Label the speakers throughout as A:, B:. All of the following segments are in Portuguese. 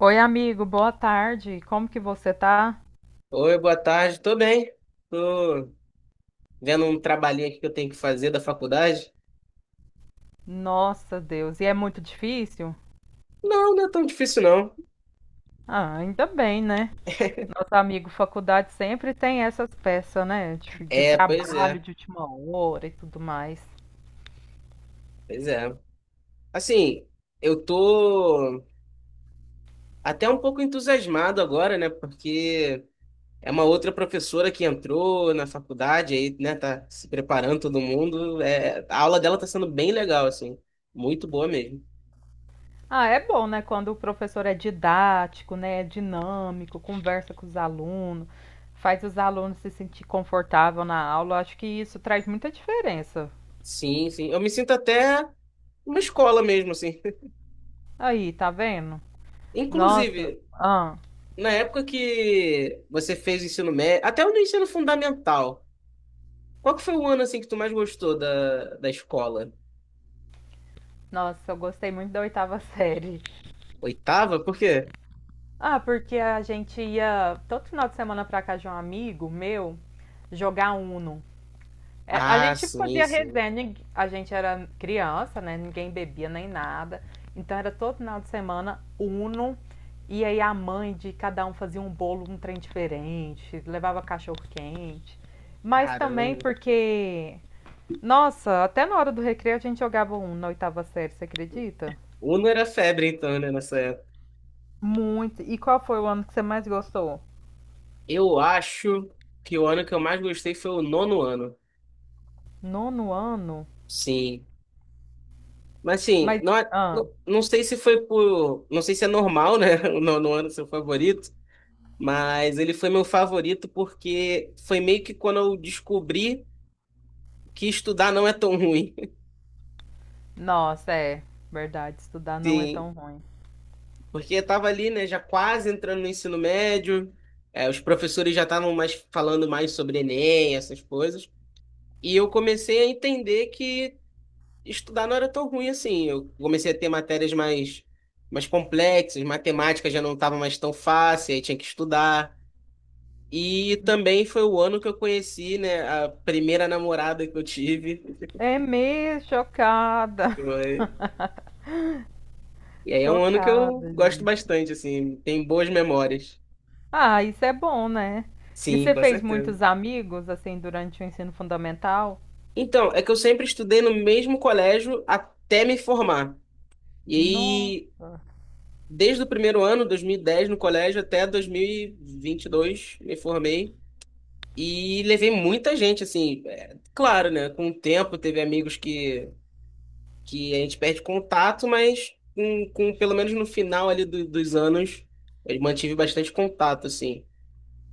A: Oi, amigo, boa tarde. Como que você tá?
B: Oi, boa tarde. Tô bem. Tô vendo um trabalhinho aqui que eu tenho que fazer da faculdade.
A: Nossa, Deus. E é muito difícil?
B: Não, não é tão difícil, não.
A: Ah, ainda bem, né? Nosso amigo faculdade sempre tem essas peças, né? De
B: É, pois
A: trabalho,
B: é,
A: de última hora e tudo mais.
B: pois é. Assim, eu tô até um pouco entusiasmado agora, né? Porque é uma outra professora que entrou na faculdade aí, né? Tá se preparando todo mundo. É, a aula dela tá sendo bem legal, assim. Muito boa mesmo.
A: Ah, é bom, né? Quando o professor é didático, né? É dinâmico, conversa com os alunos, faz os alunos se sentir confortável na aula. Eu acho que isso traz muita diferença.
B: Sim, sim. Eu me sinto até uma escola mesmo, assim.
A: Aí, tá vendo? Nossa,
B: Inclusive,
A: ah,
B: na época que você fez o ensino médio, até o do ensino fundamental, qual que foi o ano assim que tu mais gostou da escola?
A: nossa, eu gostei muito da oitava série.
B: Oitava? Por quê?
A: Ah, porque a gente ia todo final de semana pra casa de um amigo meu jogar Uno. É, a
B: Ah,
A: gente
B: sim,
A: fazia
B: sim.
A: resenha, a gente era criança, né? Ninguém bebia nem nada. Então era todo final de semana Uno. E aí a mãe de cada um fazia um bolo, um trem diferente, levava cachorro quente. Mas também
B: Caramba.
A: porque, nossa, até na hora do recreio a gente jogava Uno na oitava série, você acredita?
B: Uno era febre então, né, nessa época.
A: Muito. E qual foi o ano que você mais gostou?
B: Eu acho que o ano que eu mais gostei foi o nono ano.
A: Nono ano?
B: Sim. Mas assim,
A: Mas,
B: não,
A: ah,
B: não, não sei se foi por, não sei se é normal, né, o nono ano ser o favorito, mas ele foi meu favorito porque foi meio que quando eu descobri que estudar não é tão ruim.
A: nossa, é verdade, estudar não é
B: Sim,
A: tão ruim.
B: porque eu tava ali, né, já quase entrando no ensino médio, é, os professores já estavam mais falando mais sobre Enem, essas coisas, e eu comecei a entender que estudar não era tão ruim assim. Eu comecei a ter matérias mais, mais complexas, matemática já não estava mais tão fácil, aí tinha que estudar. E também foi o ano que eu conheci, né, a primeira namorada que eu tive.
A: É mesmo, chocada.
B: Foi- E aí é um ano que eu
A: Chocada,
B: gosto
A: gente.
B: bastante, assim, tem boas memórias.
A: Ah, isso é bom, né? E
B: Sim,
A: você
B: com
A: fez
B: certeza.
A: muitos amigos, assim, durante o ensino fundamental?
B: Então, é que eu sempre estudei no mesmo colégio até me formar. E aí,
A: Nossa.
B: desde o primeiro ano, 2010 no colégio, até dois mil e vinte e dois me formei. E levei muita gente, assim, é, claro, né? Com o tempo, teve amigos que a gente perde contato, mas com pelo menos no final ali dos anos, eu mantive bastante contato, assim.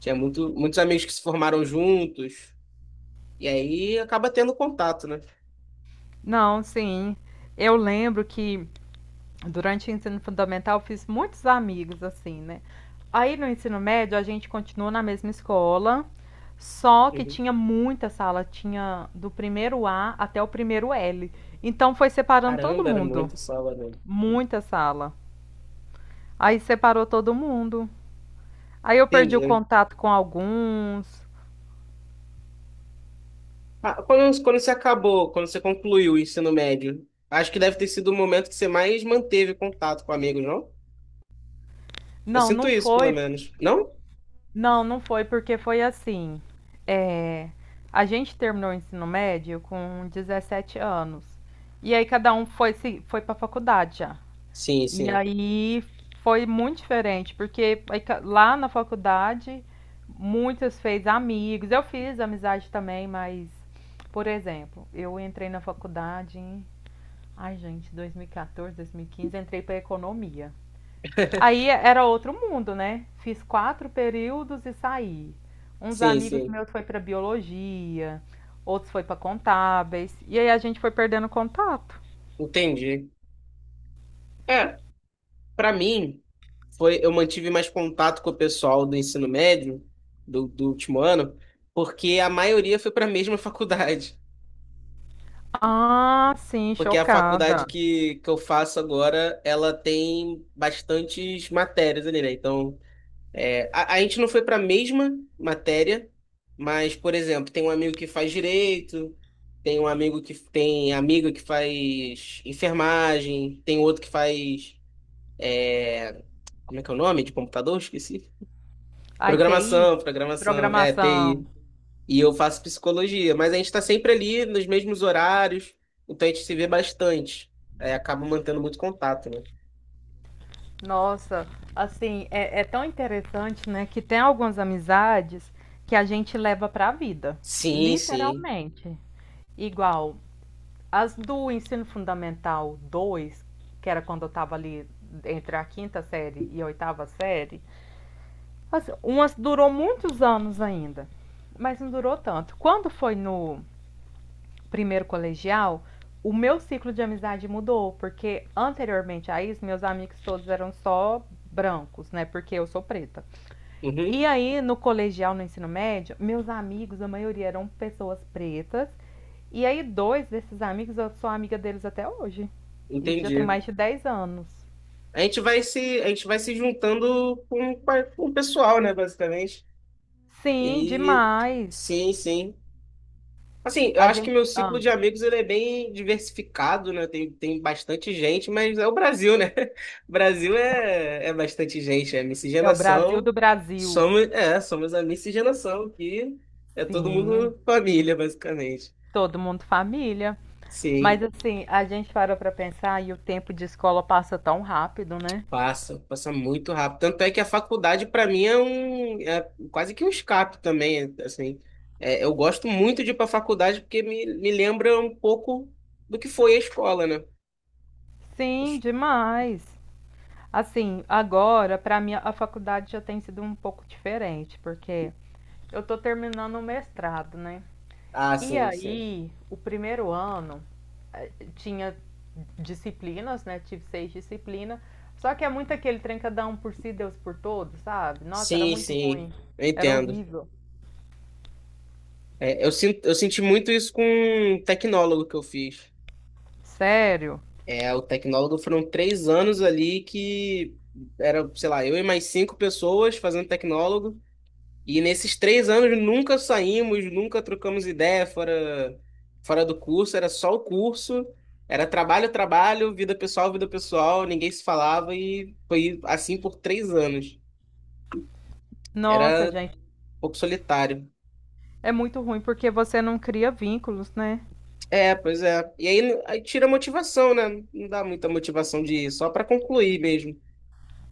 B: Tinha muitos amigos que se formaram juntos, e aí acaba tendo contato, né?
A: Não, sim. Eu lembro que Durante o ensino fundamental, fiz muitos amigos, assim, né. Aí, no ensino médio, a gente continuou na mesma escola, só que
B: Uhum.
A: tinha muita sala, tinha do primeiro A até o primeiro L. Então, foi separando todo
B: Caramba, era
A: mundo,
B: muito sala, né?
A: muita sala. Aí, separou todo mundo. Aí, eu perdi o
B: Entendi.
A: contato com alguns.
B: Ah, quando você concluiu o ensino médio, acho que deve ter sido o momento que você mais manteve contato com amigos, não? Eu
A: Não,
B: sinto
A: não
B: isso, pelo
A: foi
B: menos. Não?
A: Não, não foi porque foi assim, é, a gente terminou o ensino médio com 17 anos, e aí cada um foi se foi para faculdade já.
B: Sim,
A: E
B: sim.
A: aí foi muito diferente, porque aí ca lá na faculdade muitas fez amigos, eu fiz amizade também, mas, por exemplo, eu entrei na faculdade em 2014, 2015, entrei para economia. Aí era outro mundo, né? Fiz quatro períodos e saí. Uns
B: Sim,
A: amigos
B: sim.
A: meus foi para biologia, outros foi para contábeis, e aí a gente foi perdendo contato.
B: Entendi. É, pra mim, eu mantive mais contato com o pessoal do ensino médio, do último ano, porque a maioria foi pra mesma faculdade.
A: Ah, sim,
B: Porque a faculdade
A: chocada.
B: que eu faço agora, ela tem bastantes matérias ali, né? Então. É, a gente não foi para a mesma matéria, mas, por exemplo, tem um amigo que faz direito, tem um amigo que tem amigo que faz enfermagem, tem outro que faz, é, como é que é o nome? De computador? Esqueci.
A: A TI,
B: Programação, programação, é,
A: programação.
B: TI. E eu faço psicologia, mas a gente está sempre ali nos mesmos horários, então a gente se vê bastante. É, acaba mantendo muito contato, né?
A: Nossa, assim, é tão interessante, né, que tem algumas amizades que a gente leva para a vida,
B: Sim, sim.
A: literalmente. Igual, as do ensino fundamental 2 que era quando eu estava ali entre a quinta série e a oitava série, assim, umas durou muitos anos ainda, mas não durou tanto. Quando foi no primeiro colegial, o meu ciclo de amizade mudou, porque anteriormente a isso, meus amigos todos eram só brancos, né? Porque eu sou preta. E
B: Uhum,
A: aí, no colegial, no ensino médio, meus amigos, a maioria eram pessoas pretas. E aí, dois desses amigos, eu sou amiga deles até hoje. Isso já tem
B: entendi.
A: mais de 10 anos.
B: A gente vai se juntando com o pessoal, né, basicamente.
A: Sim,
B: E
A: demais.
B: sim, sim. Assim, eu
A: A
B: acho que
A: gente.
B: meu
A: ah,
B: ciclo de amigos ele é bem diversificado, né? Tem bastante gente, mas é o Brasil, né? O Brasil é bastante gente, é
A: é o Brasil
B: miscigenação.
A: do Brasil.
B: Somos, é, somos a miscigenação, que é todo
A: Sim,
B: mundo família, basicamente.
A: todo mundo família. Mas
B: Sim.
A: assim, a gente parou pra pensar e o tempo de escola passa tão rápido, né?
B: Passa, passa muito rápido. Tanto é que a faculdade, para mim, é um, é quase que um escape também, assim. É, eu gosto muito de ir para a faculdade porque me lembra um pouco do que foi a escola, né?
A: Sim, demais. Assim, agora para mim a faculdade já tem sido um pouco diferente, porque eu tô terminando o mestrado, né?
B: Ah,
A: E
B: sim, sim.
A: aí, o primeiro ano tinha disciplinas, né? Tive seis disciplinas. Só que é muito aquele trem cada um por si, Deus por todos, sabe? Nossa, era
B: Sim,
A: muito
B: sim,
A: ruim.
B: eu
A: Era
B: entendo.
A: horrível.
B: É, eu sinto, eu senti muito isso com um tecnólogo que eu fiz.
A: Sério?
B: É, o tecnólogo foram 3 anos ali que era, sei lá, eu e mais cinco pessoas fazendo tecnólogo. E nesses 3 anos nunca saímos, nunca trocamos ideia fora, fora do curso, era só o curso, era trabalho, trabalho, vida pessoal, ninguém se falava e foi assim por 3 anos.
A: Nossa,
B: Era um
A: gente,
B: pouco solitário.
A: é muito ruim porque você não cria vínculos, né?
B: É, pois é. E aí, aí tira a motivação, né? Não dá muita motivação de ir, só para concluir mesmo.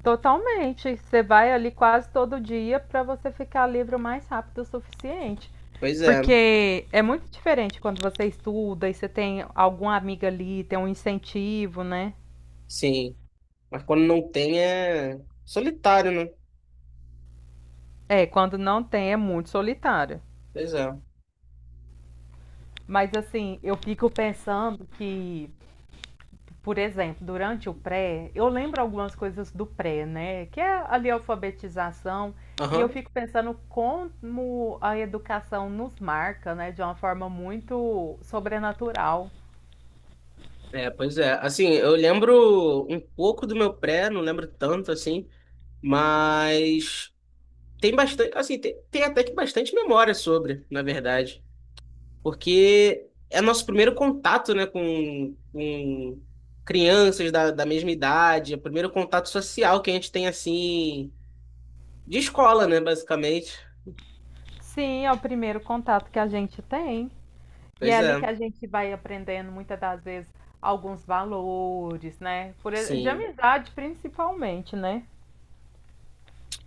A: Totalmente. Você vai ali quase todo dia para você ficar livre o mais rápido o suficiente.
B: Pois é,
A: Porque é muito diferente quando você estuda e você tem alguma amiga ali, tem um incentivo, né?
B: sim. Mas quando não tem é solitário, né?
A: É, quando não tem é muito solitário.
B: Pois é.
A: Mas assim, eu fico pensando que Por exemplo, durante o pré, eu lembro algumas coisas do pré, né? Que é ali a alfabetização, e eu
B: Aham.
A: fico pensando como a educação nos marca, né? De uma forma muito sobrenatural.
B: É, pois é. Assim, eu lembro um pouco do meu pré, não lembro tanto assim, mas tem bastante, assim, tem até que bastante memória sobre, na verdade, porque é nosso primeiro contato, né, com crianças da mesma idade, é o primeiro contato social que a gente tem, assim, de escola, né, basicamente.
A: Sim, é o primeiro contato que a gente tem. E
B: Pois
A: é
B: é,
A: ali que a gente vai aprendendo muitas das vezes alguns valores, né? De
B: sim.
A: amizade principalmente, né?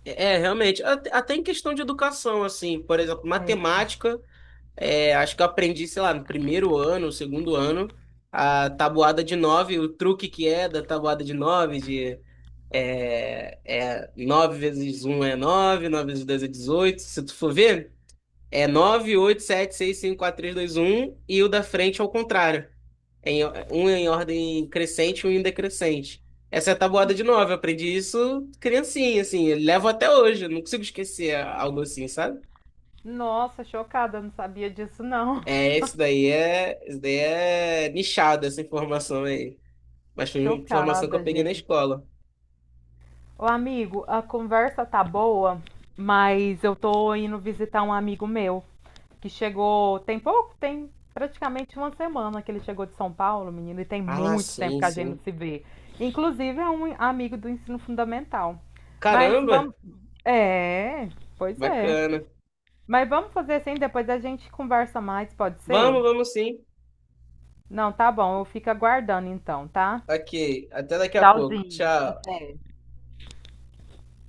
B: É, é, realmente, até em questão de educação, assim, por exemplo, matemática. É, acho que eu aprendi, sei lá, no primeiro ano, no segundo ano, a tabuada de nove, o truque que é da tabuada de nove, de nove vezes um é nove, nove vezes dois é 18. Se tu for ver, é nove, oito, sete, seis, cinco, quatro, três, dois, um, e o da frente ao contrário. Em, um é em ordem crescente e um em decrescente. Essa é a tabuada de nove, eu aprendi isso criancinha, assim, eu levo até hoje, eu não consigo esquecer algo assim, sabe?
A: Nossa, chocada, não sabia disso não.
B: É, isso daí é, isso daí é nichado, essa informação aí. Mas foi uma informação que eu
A: Chocada,
B: peguei na
A: gente.
B: escola.
A: Ô amigo, a conversa tá boa, mas eu tô indo visitar um amigo meu que chegou tem pouco, tem praticamente uma semana que ele chegou de São Paulo, menino, e tem
B: Ah,
A: muito tempo
B: sim,
A: que a gente não
B: sim.
A: se vê. Inclusive é um amigo do ensino fundamental. Mas
B: Caramba,
A: vamos. É, pois é.
B: bacana.
A: Mas vamos fazer assim, depois a gente conversa mais, pode ser?
B: Vamos, vamos sim.
A: Não, tá bom, eu fico aguardando então, tá?
B: Ok, até daqui a pouco.
A: Tchauzinho,
B: Tchau.
A: até.